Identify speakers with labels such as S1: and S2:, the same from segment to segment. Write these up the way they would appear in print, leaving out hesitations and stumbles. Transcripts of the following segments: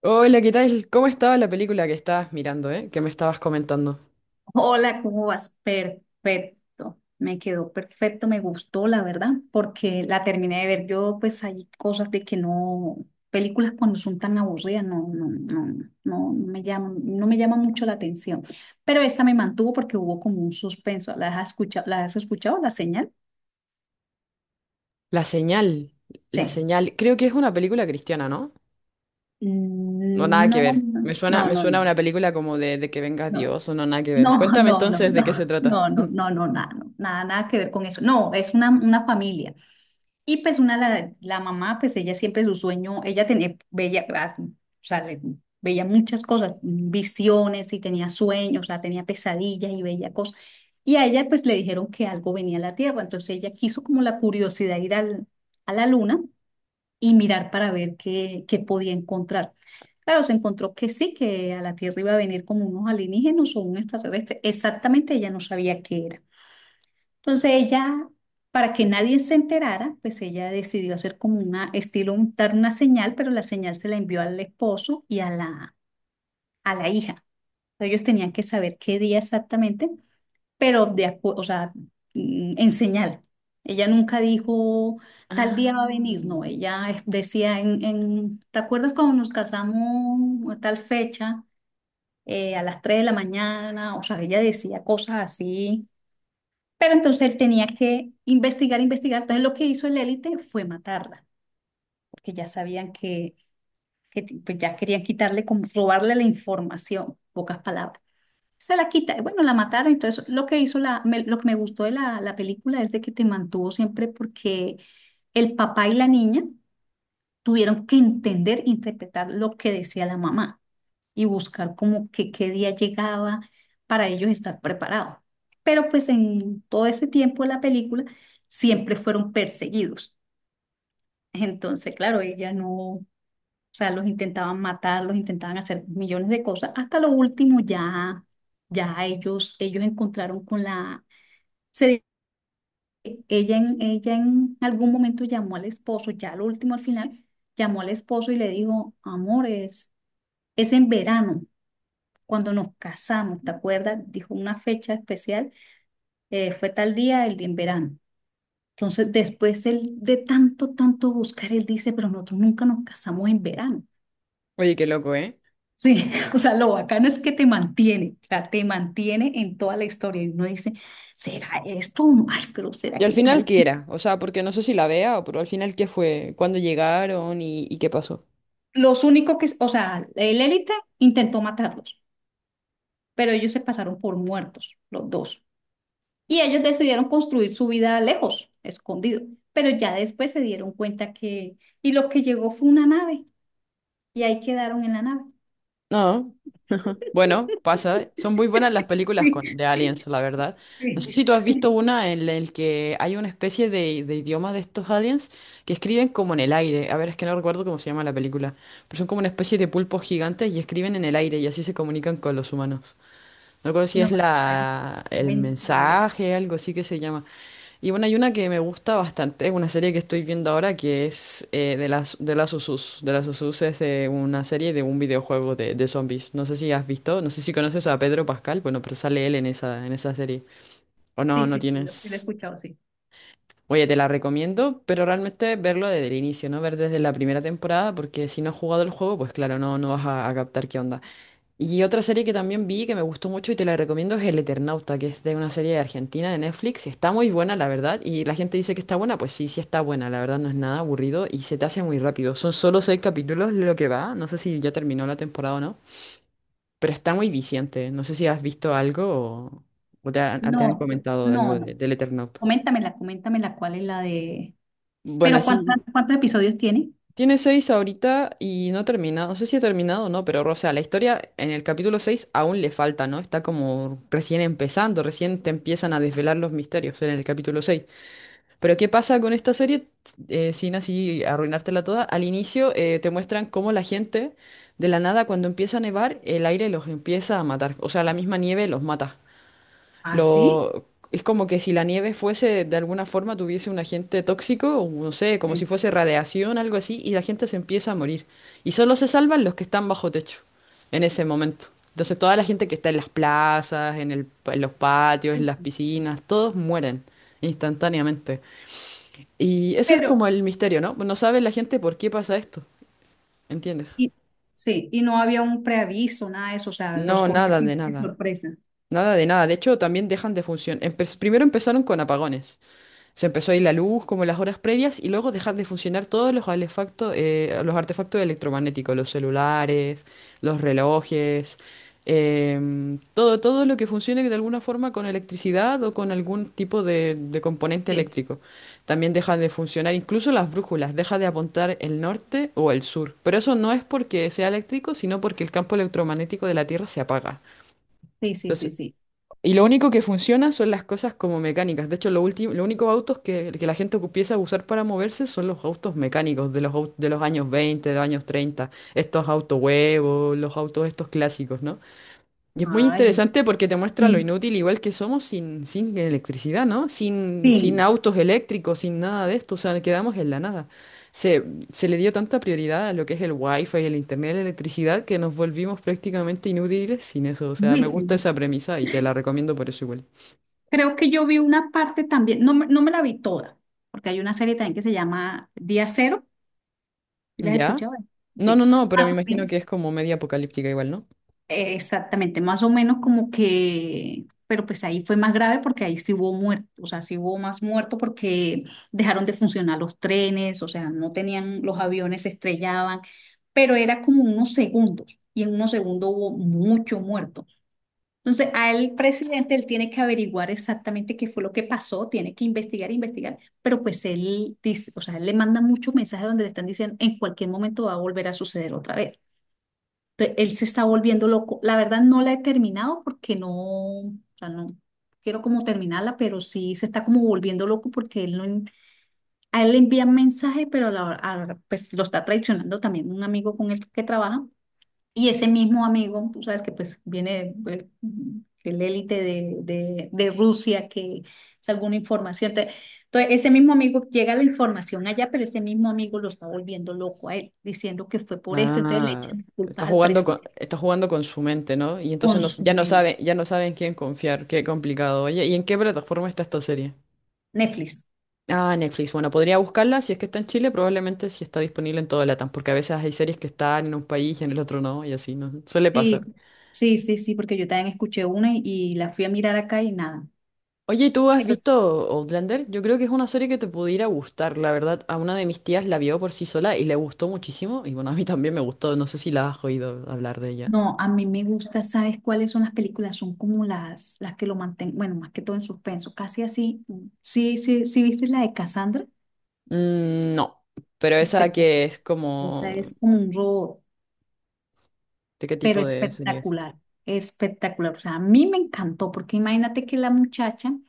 S1: Hola, ¿qué tal? ¿Cómo estaba la película que estabas mirando, Que me estabas comentando.
S2: Hola, ¿cómo vas? Perfecto, me quedó perfecto, me gustó, la verdad, porque la terminé de ver. Yo, pues, hay cosas de que no, películas cuando son tan aburridas, no, no, no, no, no me llaman, no me llama mucho la atención. Pero esta me mantuvo porque hubo como un suspenso. ¿Las has escuchado? ¿Las has escuchado? ¿La señal?
S1: La señal, la
S2: Sí.
S1: señal. Creo que es una película cristiana, ¿no? No,
S2: Mm,
S1: nada que
S2: no,
S1: ver. Me
S2: no,
S1: suena,
S2: no,
S1: me suena a
S2: no,
S1: una película como de que venga
S2: no.
S1: Dios o no, nada que ver.
S2: No,
S1: Cuéntame
S2: no, no,
S1: entonces de
S2: no,
S1: qué se trata.
S2: no, no, no, no, nada, no, nada, nada que ver con eso. No, es una familia. Y pues la mamá, pues ella siempre su sueño, ella tenía, veía, ah, o sea, veía muchas cosas, visiones y tenía sueños, o sea, tenía pesadillas y veía cosas. Y a ella pues le dijeron que algo venía a la Tierra, entonces ella quiso como la curiosidad ir a la Luna y mirar para ver qué podía encontrar. Claro, se encontró que sí, que a la Tierra iba a venir como unos alienígenas o un extraterrestre, exactamente ella no sabía qué era. Entonces ella, para que nadie se enterara, pues ella decidió hacer como una estilo, dar una señal, pero la señal se la envió al esposo y a la hija. Ellos tenían que saber qué día exactamente, pero o sea, en señal. Ella nunca dijo tal
S1: Ah.
S2: día va a venir, no, ella decía ¿te acuerdas cuando nos casamos a tal fecha, a las 3 de la mañana? O sea, ella decía cosas así, pero entonces él tenía que investigar, investigar. Entonces lo que hizo el élite fue matarla, porque ya sabían que, pues ya querían quitarle, como robarle la información, pocas palabras. Se la quita, y bueno, la mataron. Entonces lo que hizo lo que me gustó de la película es de que te mantuvo siempre, porque el papá y la niña tuvieron que entender, interpretar lo que decía la mamá y buscar como que qué día llegaba para ellos estar preparados. Pero pues en todo ese tiempo de la película siempre fueron perseguidos. Entonces, claro, ella no, o sea, los intentaban matar, los intentaban hacer millones de cosas. Hasta lo último ya, ya ellos encontraron con la. Se- ella en, ella en algún momento llamó al esposo, ya lo último al final, llamó al esposo y le dijo: amores, es en verano. Cuando nos casamos, ¿te acuerdas? Dijo una fecha especial, fue tal día, el día en verano. Entonces, después él, de tanto, tanto buscar, él dice, pero nosotros nunca nos casamos en verano.
S1: Oye, qué loco, ¿eh?
S2: Sí, o sea, lo bacano es que te mantiene, o sea, te mantiene en toda la historia. Y uno dice, ¿será esto? Ay, pero
S1: Y
S2: ¿será
S1: al
S2: qué
S1: final,
S2: tal?
S1: ¿qué era? O sea, porque no sé si la vea, pero al final, ¿qué fue? ¿Cuándo llegaron y qué pasó?
S2: Los únicos que, o sea, el élite intentó matarlos, pero ellos se pasaron por muertos, los dos. Y ellos decidieron construir su vida lejos, escondido. Pero ya después se dieron cuenta que. Y lo que llegó fue una nave. Y ahí quedaron en la nave.
S1: No. Bueno, pasa. Son muy buenas las películas
S2: Sí,
S1: de
S2: sí,
S1: aliens, la verdad. No sé
S2: sí.
S1: si tú has visto una en la que hay una especie de idioma de estos aliens que escriben como en el aire. A ver, es que no recuerdo cómo se llama la película. Pero son como una especie de pulpos gigantes y escriben en el aire y así se comunican con los humanos. No recuerdo si
S2: No,
S1: es
S2: no, la he visto.
S1: la, el
S2: Coméntame, a ver.
S1: mensaje, algo así que se llama. Y bueno, hay una que me gusta bastante, es una serie que estoy viendo ahora que es de las Usus. De las Usus es una serie de un videojuego de zombies. No sé si has visto, no sé si conoces a Pedro Pascal, bueno, pero sale él en esa serie. O
S2: Sí,
S1: no, no
S2: sí, sí, sí, la he
S1: tienes.
S2: escuchado, sí.
S1: Oye, te la recomiendo, pero realmente verlo desde el inicio, ¿no? Ver desde la primera temporada, porque si no has jugado el juego, pues claro, no vas a captar qué onda. Y otra serie que también vi que me gustó mucho y te la recomiendo es El Eternauta, que es de una serie de Argentina de Netflix. Está muy buena, la verdad. Y la gente dice que está buena, pues sí, sí está buena. La verdad no es nada aburrido y se te hace muy rápido. Son solo 6 capítulos lo que va. No sé si ya terminó la temporada o no. Pero está muy viciante. No sé si has visto algo o, o te han
S2: No,
S1: comentado
S2: no,
S1: algo de-
S2: no.
S1: del Eternauta.
S2: Coméntamela, coméntamela, cuál es la de.
S1: Bueno,
S2: Pero ¿cuántas,
S1: así.
S2: cuántos episodios tiene?
S1: Tiene 6 ahorita y no ha terminado. No sé si ha terminado o no, pero o sea, la historia en el capítulo 6 aún le falta, ¿no? Está como recién empezando, recién te empiezan a desvelar los misterios en el capítulo 6. Pero ¿qué pasa con esta serie? Sin así arruinártela toda. Al inicio te muestran cómo la gente, de la nada, cuando empieza a nevar, el aire los empieza a matar. O sea, la misma nieve los mata.
S2: ¿Ah, sí?
S1: Lo, es como que si la nieve fuese, de alguna forma, tuviese un agente tóxico, o no sé, como si
S2: Sí.
S1: fuese radiación, algo así, y la gente se empieza a morir. Y solo se salvan los que están bajo techo en ese momento. Entonces toda la gente que está en las plazas, en los patios, en
S2: Sí,
S1: las
S2: sí, sí.
S1: piscinas, todos mueren instantáneamente. Y eso es
S2: Pero,
S1: como el misterio, ¿no? No sabe la gente por qué pasa esto, ¿entiendes?
S2: y, sí, y no había un preaviso, nada de eso, o sea, los
S1: No,
S2: cogía
S1: nada de
S2: siempre de
S1: nada.
S2: sorpresa.
S1: Nada de nada. De hecho, también dejan de funcionar. Primero empezaron con apagones. Se empezó a ir la luz como las horas previas y luego dejar de funcionar todos los artefactos los artefactos electromagnéticos, los celulares, los relojes, todo, todo lo que funcione de alguna forma con electricidad o con algún tipo de componente
S2: Sí,
S1: eléctrico. También dejan de funcionar incluso las brújulas, deja de apuntar el norte o el sur. Pero eso no es porque sea eléctrico, sino porque el campo electromagnético de la Tierra se apaga.
S2: sí, sí, sí,
S1: Entonces,
S2: sí.
S1: y lo único que funciona son las cosas como mecánicas. De hecho, lo último, los únicos autos que la gente empieza a usar para moverse son los autos mecánicos de los, au- de los años 20, de los años 30. Estos autos huevos, los autos estos clásicos, ¿no? Y es muy
S2: Ay,
S1: interesante porque te muestra lo
S2: sí,
S1: inútil igual que somos sin electricidad, ¿no? Sin
S2: sí,
S1: autos eléctricos, sin nada de esto, o sea, quedamos en la nada. Se, Se le dio tanta prioridad a lo que es el wifi, el internet, la electricidad, que nos volvimos prácticamente inútiles sin eso. O sea, me gusta
S2: durísimo.
S1: esa premisa y te la recomiendo por eso igual.
S2: Creo que yo vi una parte también, no, no me la vi toda, porque hay una serie también que se llama Día Cero. ¿Y la has
S1: ¿Ya?
S2: escuchado?
S1: No,
S2: Sí,
S1: no, no, pero me
S2: más o
S1: imagino
S2: menos,
S1: que es como media apocalíptica igual, ¿no?
S2: exactamente, más o menos como que, pero pues ahí fue más grave porque ahí sí hubo muertos, o sea, sí hubo más muertos porque dejaron de funcionar los trenes, o sea, no tenían, los aviones se estrellaban, pero era como unos segundos, y en unos segundos hubo mucho muerto. Entonces, al presidente él tiene que averiguar exactamente qué fue lo que pasó, tiene que investigar, investigar, pero pues él dice, o sea, él le manda muchos mensajes donde le están diciendo, en cualquier momento va a volver a suceder otra vez. Entonces, él se está volviendo loco. La verdad no la he terminado porque no, o sea, no quiero como terminarla, pero sí se está como volviendo loco porque él no, a él le envían mensajes, pero a la hora, pues lo está traicionando también un amigo con el que trabaja. Y ese mismo amigo, tú sabes que pues viene el élite de Rusia, que es alguna información. Entonces, ese mismo amigo llega la información allá, pero ese mismo amigo lo está volviendo loco a él, diciendo que fue por esto. Entonces le
S1: Ah,
S2: echan culpas al presidente.
S1: está jugando con su mente, ¿no? Y entonces no s- ya no
S2: Consumero.
S1: sabe, ya no saben quién confiar, qué complicado. Oye, ¿y en qué plataforma está esta serie?
S2: Netflix.
S1: Ah, Netflix. Bueno, podría buscarla si es que está en Chile, probablemente si está disponible en toda Latam, porque a veces hay series que están en un país y en el otro no, y así no suele pasar.
S2: Sí, sí, sí, sí, porque yo también escuché una y la fui a mirar acá y nada.
S1: Oye, ¿y tú has visto Outlander? Yo creo que es una serie que te pudiera gustar. La verdad, a una de mis tías la vio por sí sola y le gustó muchísimo. Y bueno, a mí también me gustó. No sé si la has oído hablar de ella.
S2: No, a mí me gusta, ¿sabes cuáles son las películas? Son como las que lo mantienen, bueno, más que todo en suspenso, casi así. Mm, sí, sí, sí, ¿viste la de Cassandra?
S1: Mm, no, pero esa
S2: Espectacular.
S1: que es
S2: Esa
S1: como...
S2: es como un robot,
S1: ¿De qué
S2: pero
S1: tipo de serie es?
S2: espectacular, espectacular. O sea, a mí me encantó, porque imagínate que la muchacha, o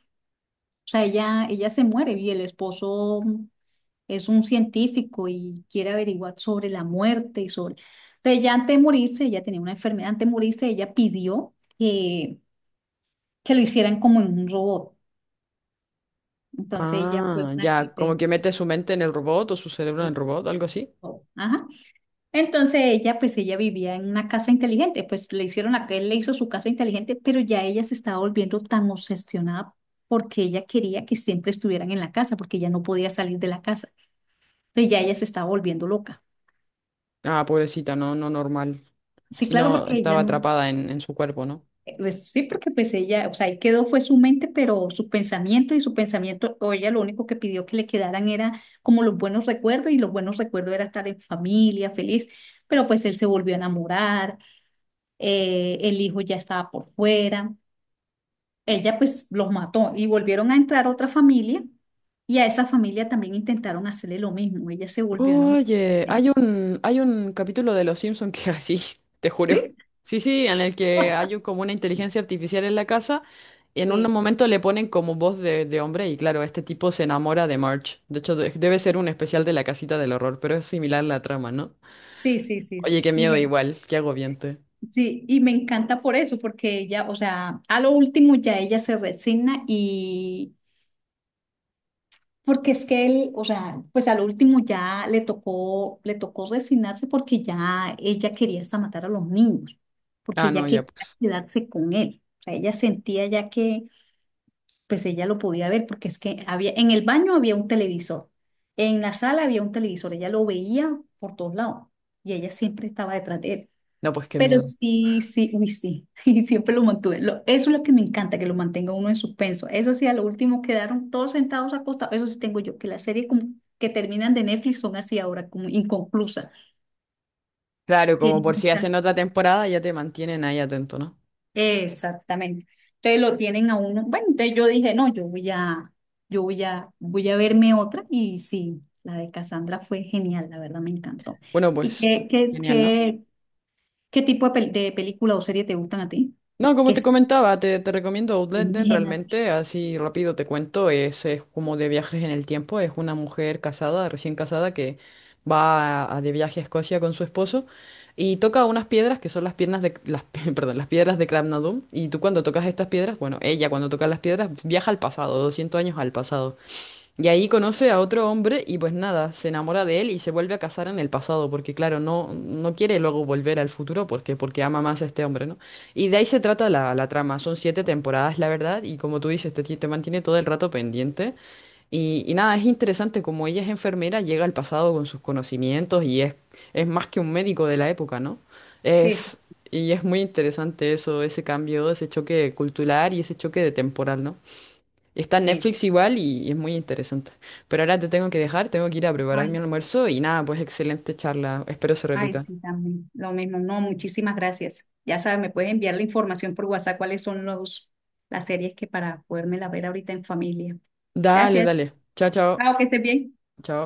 S2: sea, ella se muere y el esposo es un científico y quiere averiguar sobre la muerte y sobre. Entonces, ya antes de morirse, ella tenía una enfermedad, antes de morirse, ella pidió que lo hicieran como en un robot. Entonces ella fue
S1: Ah,
S2: una que
S1: ya, como que mete su mente en el robot o su cerebro en el
S2: es-
S1: robot, algo así.
S2: oh, ajá. Entonces ella, pues ella vivía en una casa inteligente, pues le hicieron, a él le hizo su casa inteligente, pero ya ella se estaba volviendo tan obsesionada porque ella quería que siempre estuvieran en la casa, porque ella no podía salir de la casa. Entonces ya ella se estaba volviendo loca.
S1: Ah, pobrecita, no, no normal.
S2: Sí,
S1: Si
S2: claro,
S1: no
S2: porque ella
S1: estaba
S2: no.
S1: atrapada en su cuerpo, ¿no?
S2: Pues sí, porque pues ella, o sea, ahí quedó fue su mente, pero su pensamiento y su pensamiento, o ella lo único que pidió que le quedaran era como los buenos recuerdos, y los buenos recuerdos era estar en familia, feliz, pero pues él se volvió a enamorar, el hijo ya estaba por fuera, ella pues los mató y volvieron a entrar otra familia, y a esa familia también intentaron hacerle lo mismo, ella se volvió a enamorar.
S1: Oye, hay un capítulo de Los Simpson que así, te juro.
S2: ¿Sí?
S1: Sí, sí, en el que hay un- como una inteligencia artificial en la casa y en un
S2: Eh,
S1: momento le ponen como voz de hombre y claro, este tipo se enamora de Marge. De hecho, de- debe ser un especial de la casita del horror, pero es similar la trama, ¿no?
S2: sí, sí, sí,
S1: Oye, qué
S2: sí. Y
S1: miedo
S2: me,
S1: igual, qué agobiante.
S2: sí, y me encanta por eso, porque ella, o sea, a lo último ya ella se resigna, y porque es que él, o sea, pues a lo último ya le tocó resignarse porque ya ella quería hasta matar a los niños, porque
S1: Ah, no,
S2: ella
S1: ya
S2: quería
S1: pues.
S2: quedarse con él. O sea, ella sentía ya que pues ella lo podía ver, porque es que había, en el baño había un televisor, en la sala había un televisor, ella lo veía por todos lados y ella siempre estaba detrás de él.
S1: No, pues qué
S2: Pero
S1: miedo.
S2: sí, sí, uy, sí, y siempre lo mantuve. Eso es lo que me encanta, que lo mantenga uno en suspenso. Eso sí, a lo último quedaron todos sentados, acostados. Eso sí tengo yo, que las series como que terminan de Netflix son así ahora, como inconclusas.
S1: Claro, como
S2: Tienen
S1: por si
S2: esa.
S1: hacen otra temporada ya te mantienen ahí atento, ¿no?
S2: Exactamente. Entonces lo tienen a uno. Bueno, entonces yo dije, no, voy a verme otra. Y sí, la de Cassandra fue genial, la verdad me encantó.
S1: Bueno,
S2: ¿Y
S1: pues,
S2: qué, qué,
S1: genial, ¿no?
S2: qué, qué tipo de película o serie te gustan a ti?
S1: No, como
S2: Que
S1: te
S2: se
S1: comentaba, te recomiendo Outlander,
S2: alienígenas.
S1: realmente, así rápido te cuento, es como de viajes en el tiempo, es una mujer casada, recién casada, que va a de viaje a Escocia con su esposo y toca unas piedras que son las piernas de las, pi- perdón, las piedras de Cram y tú cuando tocas estas piedras, bueno, ella cuando toca las piedras viaja al pasado, 200 años al pasado. Y ahí conoce a otro hombre y pues nada, se enamora de él y se vuelve a casar en el pasado, porque claro, no quiere luego volver al futuro porque, porque ama más a este hombre, ¿no? Y de ahí se trata la, la trama, son 7 temporadas, la verdad, y como tú dices, te mantiene todo el rato pendiente. Y nada, es interesante como ella es enfermera, llega al pasado con sus conocimientos y es más que un médico de la época, ¿no? Es, y es muy interesante eso, ese cambio, ese choque cultural y ese choque de temporal, ¿no? Está en
S2: Sí,
S1: Netflix igual y es muy interesante. Pero ahora te tengo que dejar, tengo que ir a preparar
S2: ay,
S1: mi almuerzo y nada, pues excelente charla. Espero se
S2: ay,
S1: repita.
S2: sí, también. Lo mismo, no, muchísimas gracias. Ya sabes, me puedes enviar la información por WhatsApp cuáles son los, las series que para podérmela ver ahorita en familia.
S1: Dale,
S2: Gracias.
S1: dale. Chao, chao.
S2: Chao, que estés bien.
S1: Chao.